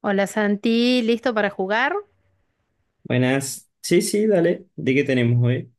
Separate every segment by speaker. Speaker 1: Hola Santi, ¿listo para jugar?
Speaker 2: Buenas. Sí, sí, dale. ¿De qué tenemos hoy?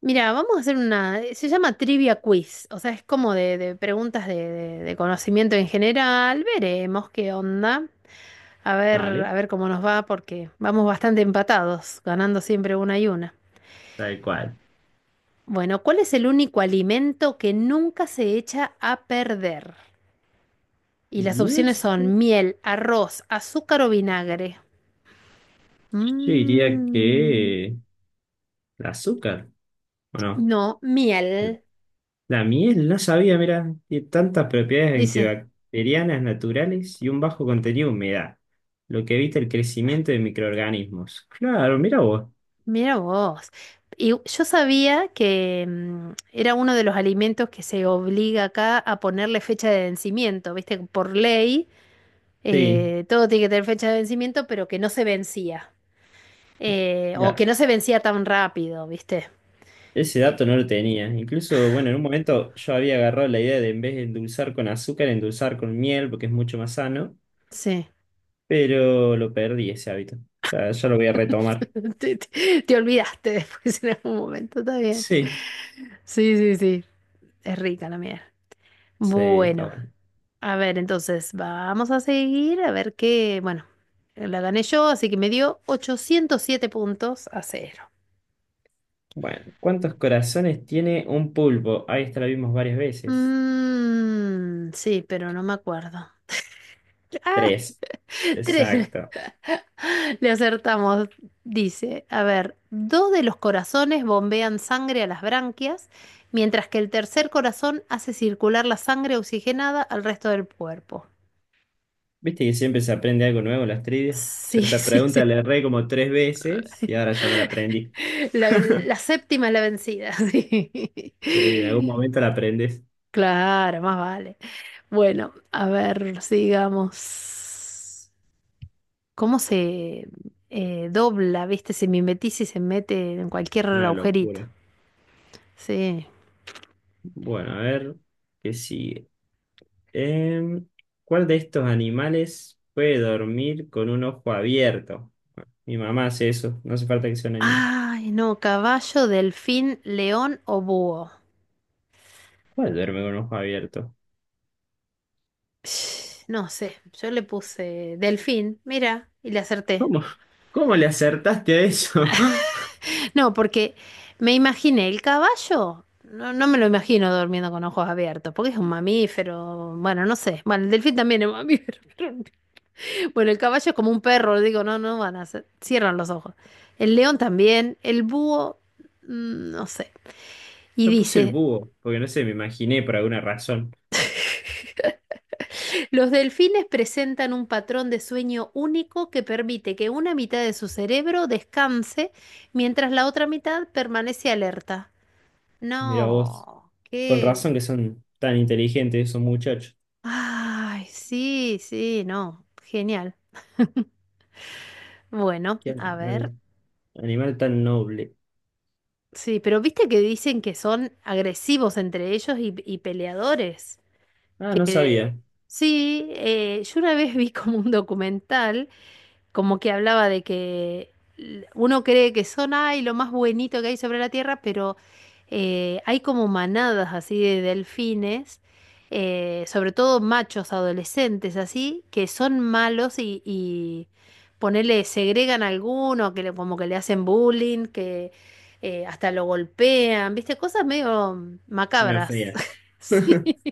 Speaker 1: Mira, vamos a hacer una, se llama Trivia Quiz, o sea, es como de preguntas de conocimiento en general. Veremos qué onda.
Speaker 2: Dale,
Speaker 1: A ver cómo nos va, porque vamos bastante empatados, ganando siempre una y una.
Speaker 2: tal cual.
Speaker 1: Bueno, ¿cuál es el único alimento que nunca se echa a perder? Y las
Speaker 2: Y
Speaker 1: opciones
Speaker 2: esto,
Speaker 1: son miel, arroz, azúcar o vinagre.
Speaker 2: yo diría
Speaker 1: Mm,
Speaker 2: que el azúcar, ¿o no?
Speaker 1: no, miel.
Speaker 2: La miel, no sabía, mira, tiene tantas propiedades
Speaker 1: Dice.
Speaker 2: antibacterianas naturales y un bajo contenido de humedad, lo que evita el crecimiento de microorganismos. Claro, mira vos.
Speaker 1: Mira vos. Y yo sabía que era uno de los alimentos que se obliga acá a ponerle fecha de vencimiento, ¿viste? Por ley,
Speaker 2: Sí,
Speaker 1: todo tiene que tener fecha de vencimiento, pero que no se vencía. O
Speaker 2: ya,
Speaker 1: que no se vencía tan rápido, ¿viste?
Speaker 2: ese
Speaker 1: Eh,
Speaker 2: dato no lo tenía. Incluso, bueno, en un momento yo había agarrado la idea de en vez de endulzar con azúcar, endulzar con miel, porque es mucho más sano.
Speaker 1: sí.
Speaker 2: Pero lo perdí ese hábito. O sea, ya lo voy a retomar.
Speaker 1: Te olvidaste después en algún momento, está bien.
Speaker 2: Sí.
Speaker 1: Sí, sí, sí. Es rica la miel.
Speaker 2: Sí, está
Speaker 1: Bueno.
Speaker 2: bueno.
Speaker 1: A ver, entonces vamos a seguir a ver qué, bueno, la gané yo, así que me dio 807 puntos a 0.
Speaker 2: Bueno, ¿cuántos corazones tiene un pulpo? Ahí está, lo vimos varias veces.
Speaker 1: Mm, sí, pero no me acuerdo. Ah,
Speaker 2: Tres,
Speaker 1: tres.
Speaker 2: exacto.
Speaker 1: Le acertamos. Dice, a ver, dos de los corazones bombean sangre a las branquias, mientras que el tercer corazón hace circular la sangre oxigenada al resto del cuerpo.
Speaker 2: ¿Viste que siempre se aprende algo nuevo en las trivias? Yo
Speaker 1: Sí,
Speaker 2: esta
Speaker 1: sí,
Speaker 2: pregunta
Speaker 1: sí.
Speaker 2: la erré como tres veces y ahora ya me la aprendí.
Speaker 1: La séptima es la vencida.
Speaker 2: Sí, en algún
Speaker 1: Sí.
Speaker 2: momento la aprendes.
Speaker 1: Claro, más vale. Bueno, a ver, sigamos. ¿Cómo se dobla, viste? Se mimetiza y se mete en cualquier
Speaker 2: Una
Speaker 1: agujerito.
Speaker 2: locura.
Speaker 1: Sí.
Speaker 2: Bueno, a ver, ¿qué sigue? Em, ¿Cuál de estos animales puede dormir con un ojo abierto? Mi mamá hace eso, no hace falta que sea un anime.
Speaker 1: Ay, no, caballo, delfín, león o búho.
Speaker 2: ¿Cuál duerme con ojo abierto?
Speaker 1: Sh, no sé, yo le puse delfín, mira, y le acerté.
Speaker 2: ¿Cómo? ¿Cómo le acertaste a eso?
Speaker 1: No, porque me imaginé el caballo. No, no me lo imagino durmiendo con ojos abiertos, porque es un mamífero. Bueno, no sé. Bueno, el delfín también es mamífero. Bueno, el caballo es como un perro, digo, no, no van a hacer. Cierran los ojos. El león también. El búho, no sé. Y
Speaker 2: Yo puse el
Speaker 1: dice,
Speaker 2: búho, porque no sé, me imaginé por alguna razón.
Speaker 1: los delfines presentan un patrón de sueño único que permite que una mitad de su cerebro descanse mientras la otra mitad permanece alerta.
Speaker 2: Mira vos,
Speaker 1: No,
Speaker 2: con
Speaker 1: qué.
Speaker 2: razón que son tan inteligentes esos muchachos.
Speaker 1: Ay, sí, sí, no, genial. Bueno,
Speaker 2: Qué
Speaker 1: a ver.
Speaker 2: animal, animal tan noble.
Speaker 1: Sí, pero viste que dicen que son agresivos entre ellos y peleadores.
Speaker 2: Ah, no sabía,
Speaker 1: Sí, yo una vez vi como un documental como que hablaba de que uno cree que son, ay, lo más buenito que hay sobre la Tierra, pero hay como manadas así de delfines, sobre todo machos adolescentes así, que son malos y ponele, segregan a alguno, que como que le hacen bullying, que hasta lo golpean, ¿viste? Cosas medio
Speaker 2: me
Speaker 1: macabras.
Speaker 2: ofendías.
Speaker 1: Sí.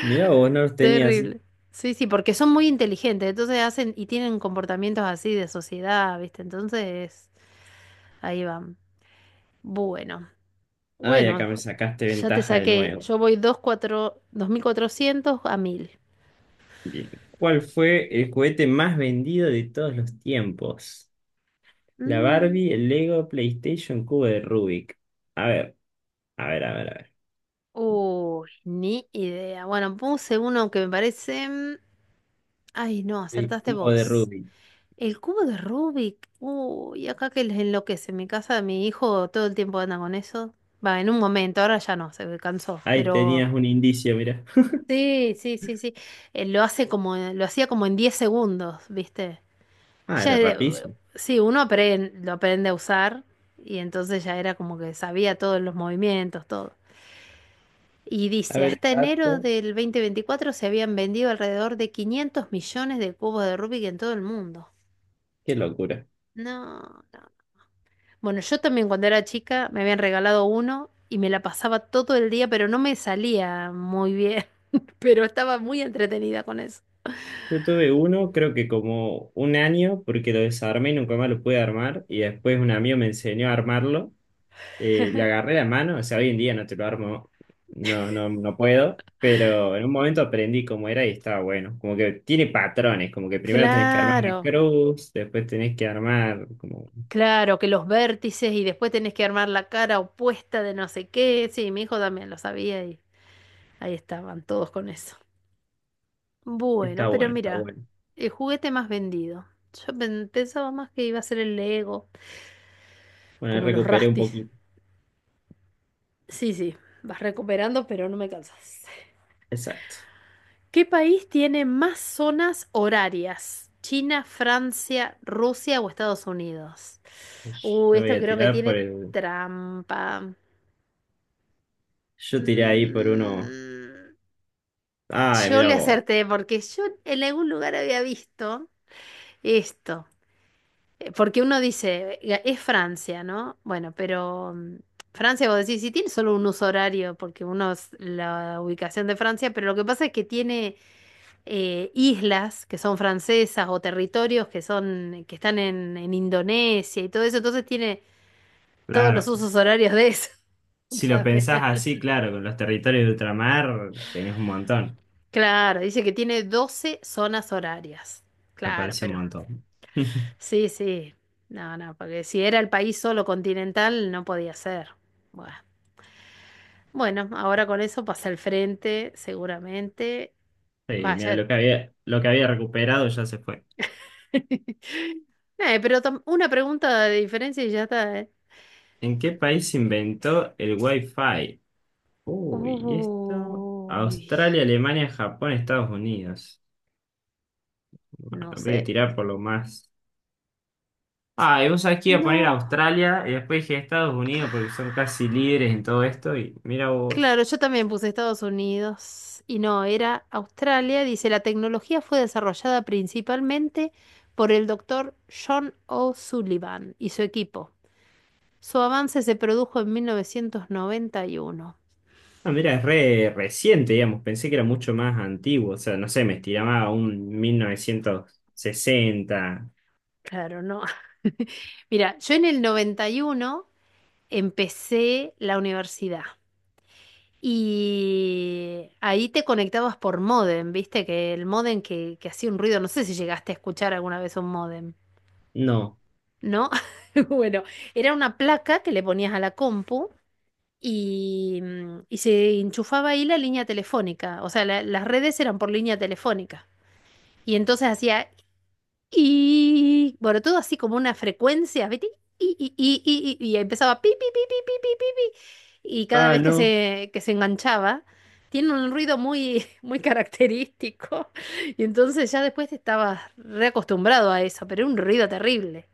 Speaker 2: Mira vos, no los tenía así.
Speaker 1: Terrible. Sí, sí, porque son muy inteligentes, entonces hacen y tienen comportamientos así de sociedad, ¿viste? Entonces, ahí van. Bueno,
Speaker 2: Ay, acá
Speaker 1: bueno,
Speaker 2: me sacaste
Speaker 1: ya te
Speaker 2: ventaja de
Speaker 1: saqué,
Speaker 2: nuevo.
Speaker 1: yo voy 2400 a 1000.
Speaker 2: Bien. ¿Cuál fue el juguete más vendido de todos los tiempos? La
Speaker 1: Mm,
Speaker 2: Barbie, el Lego, PlayStation, cubo de Rubik. A ver, a ver, a ver, a ver.
Speaker 1: uy, ni idea. Bueno, puse uno que me parece. Ay, no,
Speaker 2: El
Speaker 1: acertaste
Speaker 2: cubo de
Speaker 1: vos.
Speaker 2: Rubik.
Speaker 1: El cubo de Rubik. Uy, acá que les enloquece. En mi casa, mi hijo todo el tiempo anda con eso. Va, en un momento, ahora ya no, se cansó,
Speaker 2: Ahí
Speaker 1: pero.
Speaker 2: tenías un indicio, mira.
Speaker 1: Sí, sí, sí, sí. Lo hace como, lo hacía como en 10 segundos, ¿viste?
Speaker 2: Ah,
Speaker 1: Ya,
Speaker 2: era
Speaker 1: es
Speaker 2: rapidísimo.
Speaker 1: sí, uno lo aprende a usar y entonces ya era como que sabía todos los movimientos, todo. Y
Speaker 2: A
Speaker 1: dice,
Speaker 2: ver, el
Speaker 1: hasta enero
Speaker 2: dato.
Speaker 1: del 2024 se habían vendido alrededor de 500 millones de cubos de Rubik en todo el mundo.
Speaker 2: Qué locura.
Speaker 1: No, no. Bueno, yo también cuando era chica me habían regalado uno y me la pasaba todo el día, pero no me salía muy bien, pero estaba muy entretenida con eso.
Speaker 2: Yo tuve uno, creo que como un año, porque lo desarmé y nunca más lo pude armar. Y después un amigo me enseñó a armarlo. Le agarré la mano, o sea, hoy en día no te lo armo, no puedo, pero en un momento aprendí cómo era y estaba bueno. Como que tiene patrones, como que primero tenés que armar la
Speaker 1: Claro,
Speaker 2: cruz, después tenés que armar, como,
Speaker 1: claro, que los vértices y después tenés que armar la cara opuesta de no sé qué. Sí, mi hijo también lo sabía y ahí estaban todos con eso. Bueno,
Speaker 2: está
Speaker 1: pero
Speaker 2: bueno, está
Speaker 1: mira,
Speaker 2: bueno.
Speaker 1: el juguete más vendido. Yo pensaba más que iba a ser el Lego,
Speaker 2: Bueno, ahí
Speaker 1: como los
Speaker 2: recuperé un
Speaker 1: Rastis.
Speaker 2: poquito.
Speaker 1: Sí, sí, vas recuperando, pero no me cansas.
Speaker 2: Exacto.
Speaker 1: ¿Qué país tiene más zonas horarias? ¿China, Francia, Rusia o Estados Unidos? Uh,
Speaker 2: Yo voy
Speaker 1: esto
Speaker 2: a
Speaker 1: creo que
Speaker 2: tirar por
Speaker 1: tiene
Speaker 2: el,
Speaker 1: trampa.
Speaker 2: yo tiré ahí por uno,
Speaker 1: Mm,
Speaker 2: ay,
Speaker 1: Yo
Speaker 2: mira
Speaker 1: le
Speaker 2: vos,
Speaker 1: acerté porque yo en algún lugar había visto esto. Porque uno dice: Es Francia, ¿no?" Bueno, pero Francia, vos decís, si tiene solo un uso horario, porque uno es la ubicación de Francia, pero lo que pasa es que tiene islas que son francesas o territorios que son, que están en Indonesia y todo eso, entonces tiene todos los
Speaker 2: claro.
Speaker 1: usos horarios de eso
Speaker 2: Si lo
Speaker 1: también.
Speaker 2: pensás así, claro, con los territorios de ultramar tenés un montón,
Speaker 1: Claro, dice que tiene 12 zonas horarias.
Speaker 2: me
Speaker 1: Claro,
Speaker 2: parece un
Speaker 1: pero
Speaker 2: montón.
Speaker 1: sí, sí. No, no, porque si era el país solo continental, no podía ser. Bueno, bueno, ahora con eso pasa al frente, seguramente.
Speaker 2: Sí, mira,
Speaker 1: Vaya.
Speaker 2: lo que había recuperado ya se fue.
Speaker 1: Pero una pregunta de diferencia y ya está, ¿eh?
Speaker 2: ¿En qué país se inventó el Wi-Fi? Uy, esto.
Speaker 1: Uy,
Speaker 2: Australia, Alemania, Japón, Estados Unidos. Bueno,
Speaker 1: no
Speaker 2: voy a
Speaker 1: sé.
Speaker 2: tirar por lo más. Ah, y vos sabés que iba a poner
Speaker 1: No.
Speaker 2: Australia y después dije Estados Unidos
Speaker 1: Ah,
Speaker 2: porque son casi líderes en todo esto. Y mira
Speaker 1: claro,
Speaker 2: vos.
Speaker 1: yo también puse Estados Unidos y no, era Australia. Dice, la tecnología fue desarrollada principalmente por el doctor John O'Sullivan y su equipo. Su avance se produjo en 1991.
Speaker 2: Ah, mira, es re reciente, digamos. Pensé que era mucho más antiguo. O sea, no sé, me estiraba a un 1960.
Speaker 1: Claro, no. Mira, yo en el 91 empecé la universidad y ahí te conectabas por módem, viste que el módem que hacía un ruido, no sé si llegaste a escuchar alguna vez un módem,
Speaker 2: No.
Speaker 1: ¿no? Bueno, era una placa que le ponías a la compu y se enchufaba ahí la línea telefónica, o sea, las redes eran por línea telefónica. Y entonces hacía. Y bueno, todo así como una frecuencia, ¿viste? Y empezaba pi, pi, pi, pi, pi, pi, pi, pi. Y cada
Speaker 2: Ah,
Speaker 1: vez que
Speaker 2: no.
Speaker 1: se, enganchaba, tiene un ruido muy, muy característico. Y entonces ya después te estabas reacostumbrado a eso, pero era un ruido terrible.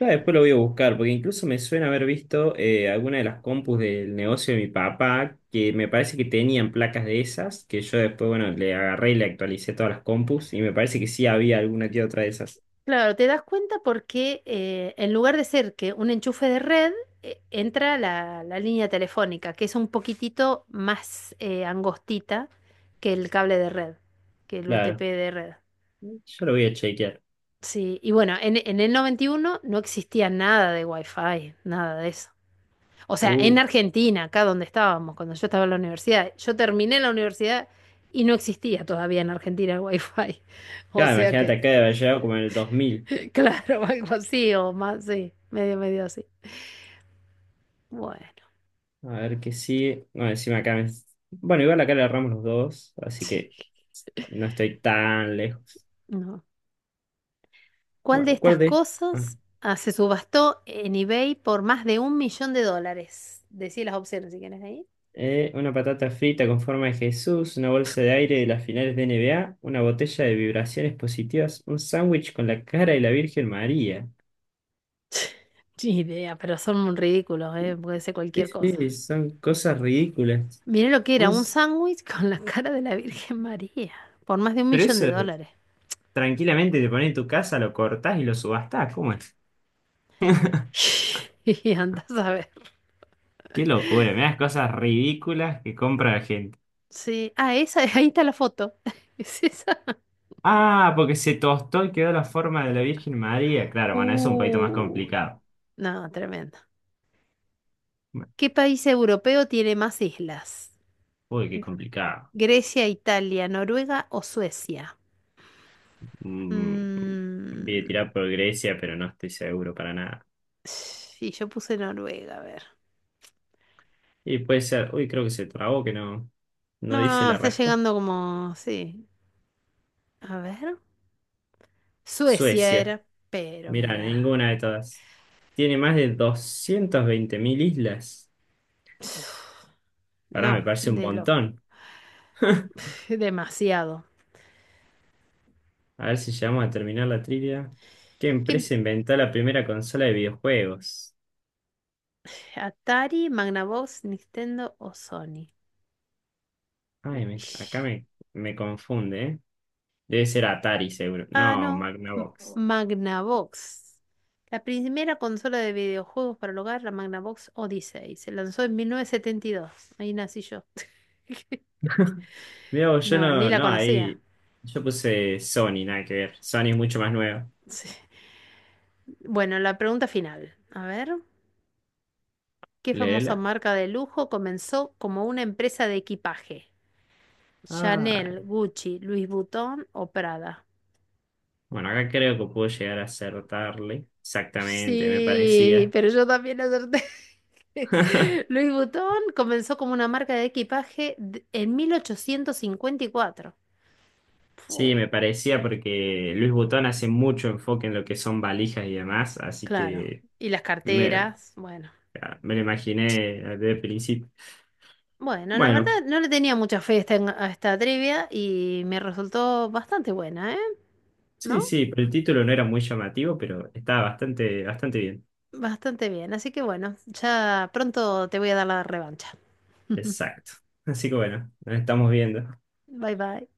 Speaker 2: Ah, después lo voy a buscar, porque incluso me suena haber visto alguna de las compus del negocio de mi papá, que me parece que tenían placas de esas, que yo después, bueno, le agarré y le actualicé todas las compus, y me parece que sí había alguna que otra de esas.
Speaker 1: Claro, te das cuenta porque en lugar de ser que un enchufe de red, entra la línea telefónica, que es un poquitito más angostita que el cable de red, que el UTP
Speaker 2: Claro.
Speaker 1: de red.
Speaker 2: Yo lo voy a chequear.
Speaker 1: Sí, y bueno, en el 91 no existía nada de Wi-Fi, nada de eso. O sea, en
Speaker 2: Uh,
Speaker 1: Argentina, acá donde estábamos, cuando yo estaba en la universidad, yo terminé la universidad y no existía todavía en Argentina el Wi-Fi. O
Speaker 2: claro,
Speaker 1: sea
Speaker 2: imagínate
Speaker 1: que,
Speaker 2: acá de haber llegado como en el 2000.
Speaker 1: claro, algo así o más, sí, medio, medio así. Bueno,
Speaker 2: A ver que sí. No, encima acá me... Bueno, igual acá le agarramos los dos, así
Speaker 1: sí,
Speaker 2: que no estoy tan lejos.
Speaker 1: no. ¿Cuál de
Speaker 2: Bueno,
Speaker 1: estas
Speaker 2: ¿cuál de? Ah,
Speaker 1: cosas se subastó en eBay por más de $1 millón? Decí las opciones si quieres ahí.
Speaker 2: una patata frita con forma de Jesús, una bolsa de aire de las finales de NBA, una botella de vibraciones positivas, un sándwich con la cara de la Virgen María.
Speaker 1: Ni idea, pero son un ridículo, ¿eh? Puede ser
Speaker 2: Sí,
Speaker 1: cualquier cosa.
Speaker 2: sí, son cosas ridículas.
Speaker 1: Mirá lo que era,
Speaker 2: Un...
Speaker 1: un
Speaker 2: s-
Speaker 1: sándwich con la cara de la Virgen María, por más de un
Speaker 2: Pero
Speaker 1: millón
Speaker 2: eso
Speaker 1: de dólares.
Speaker 2: tranquilamente te pones en tu casa, lo cortás y lo subastás. ¿Cómo es?
Speaker 1: Y andás a ver.
Speaker 2: Qué locura, me das cosas ridículas que compra la gente.
Speaker 1: Sí, ah, esa, ahí está la foto. ¿Es esa?
Speaker 2: Ah, porque se tostó y quedó la forma de la Virgen María. Claro, bueno, eso es un poquito más
Speaker 1: Uh,
Speaker 2: complicado.
Speaker 1: no, tremendo.
Speaker 2: Bueno,
Speaker 1: ¿Qué país europeo tiene más islas?
Speaker 2: uy, qué complicado.
Speaker 1: ¿Grecia, Italia, Noruega o Suecia?
Speaker 2: Mm, voy a
Speaker 1: Mm,
Speaker 2: tirar por Grecia, pero no estoy seguro para nada.
Speaker 1: sí, yo puse Noruega, a ver.
Speaker 2: Y puede ser, uy, creo que se trabó, que no, no
Speaker 1: No, no,
Speaker 2: dice
Speaker 1: no,
Speaker 2: la
Speaker 1: está
Speaker 2: respuesta.
Speaker 1: llegando como, sí. A ver. Suecia
Speaker 2: Suecia.
Speaker 1: era, pero
Speaker 2: Mira,
Speaker 1: mira.
Speaker 2: ninguna de todas. Tiene más de 220.000 islas. Ahora me
Speaker 1: No,
Speaker 2: parece un
Speaker 1: de loco.
Speaker 2: montón.
Speaker 1: Demasiado.
Speaker 2: A ver si llegamos a terminar la trivia. ¿Qué
Speaker 1: ¿Qué-
Speaker 2: empresa inventó la primera consola de videojuegos?
Speaker 1: Atari, Magnavox, Nintendo o Sony?
Speaker 2: Ay, me- acá
Speaker 1: Ish.
Speaker 2: me, me confunde, ¿eh? Debe ser Atari, seguro.
Speaker 1: Ah,
Speaker 2: No,
Speaker 1: no. M-
Speaker 2: Magnavox.
Speaker 1: Magnavox. La primera consola de videojuegos para el hogar, la Magnavox Odyssey. Se lanzó en 1972. Ahí nací yo.
Speaker 2: Mira, vos, yo
Speaker 1: No, ni
Speaker 2: no,
Speaker 1: la
Speaker 2: no,
Speaker 1: conocía.
Speaker 2: ahí. Yo puse Sony, nada que ver. Sony es mucho más nuevo.
Speaker 1: Sí. Bueno, la pregunta final. A ver, ¿qué famosa
Speaker 2: Leela.
Speaker 1: marca de lujo comenzó como una empresa de equipaje?
Speaker 2: Ay.
Speaker 1: ¿Chanel, Gucci, Louis Vuitton o Prada?
Speaker 2: Bueno, acá creo que puedo llegar a acertarle. Exactamente, me
Speaker 1: Sí,
Speaker 2: parecía.
Speaker 1: pero yo también acerté. Louis Vuitton comenzó como una marca de equipaje en 1854.
Speaker 2: Sí,
Speaker 1: Fu,
Speaker 2: me parecía porque Luis Butón hace mucho enfoque en lo que son valijas y demás, así
Speaker 1: claro.
Speaker 2: que
Speaker 1: Y las
Speaker 2: me,
Speaker 1: carteras, bueno.
Speaker 2: me lo imaginé desde el principio.
Speaker 1: Bueno, la verdad
Speaker 2: Bueno.
Speaker 1: no le tenía mucha fe a esta, trivia y me resultó bastante buena, ¿eh? ¿No?
Speaker 2: Sí, sí, pero el título no era muy llamativo, pero estaba bastante, bastante bien.
Speaker 1: Bastante bien. Así que bueno, ya pronto te voy a dar la revancha.
Speaker 2: Exacto. Así que bueno, nos estamos viendo.
Speaker 1: Bye bye.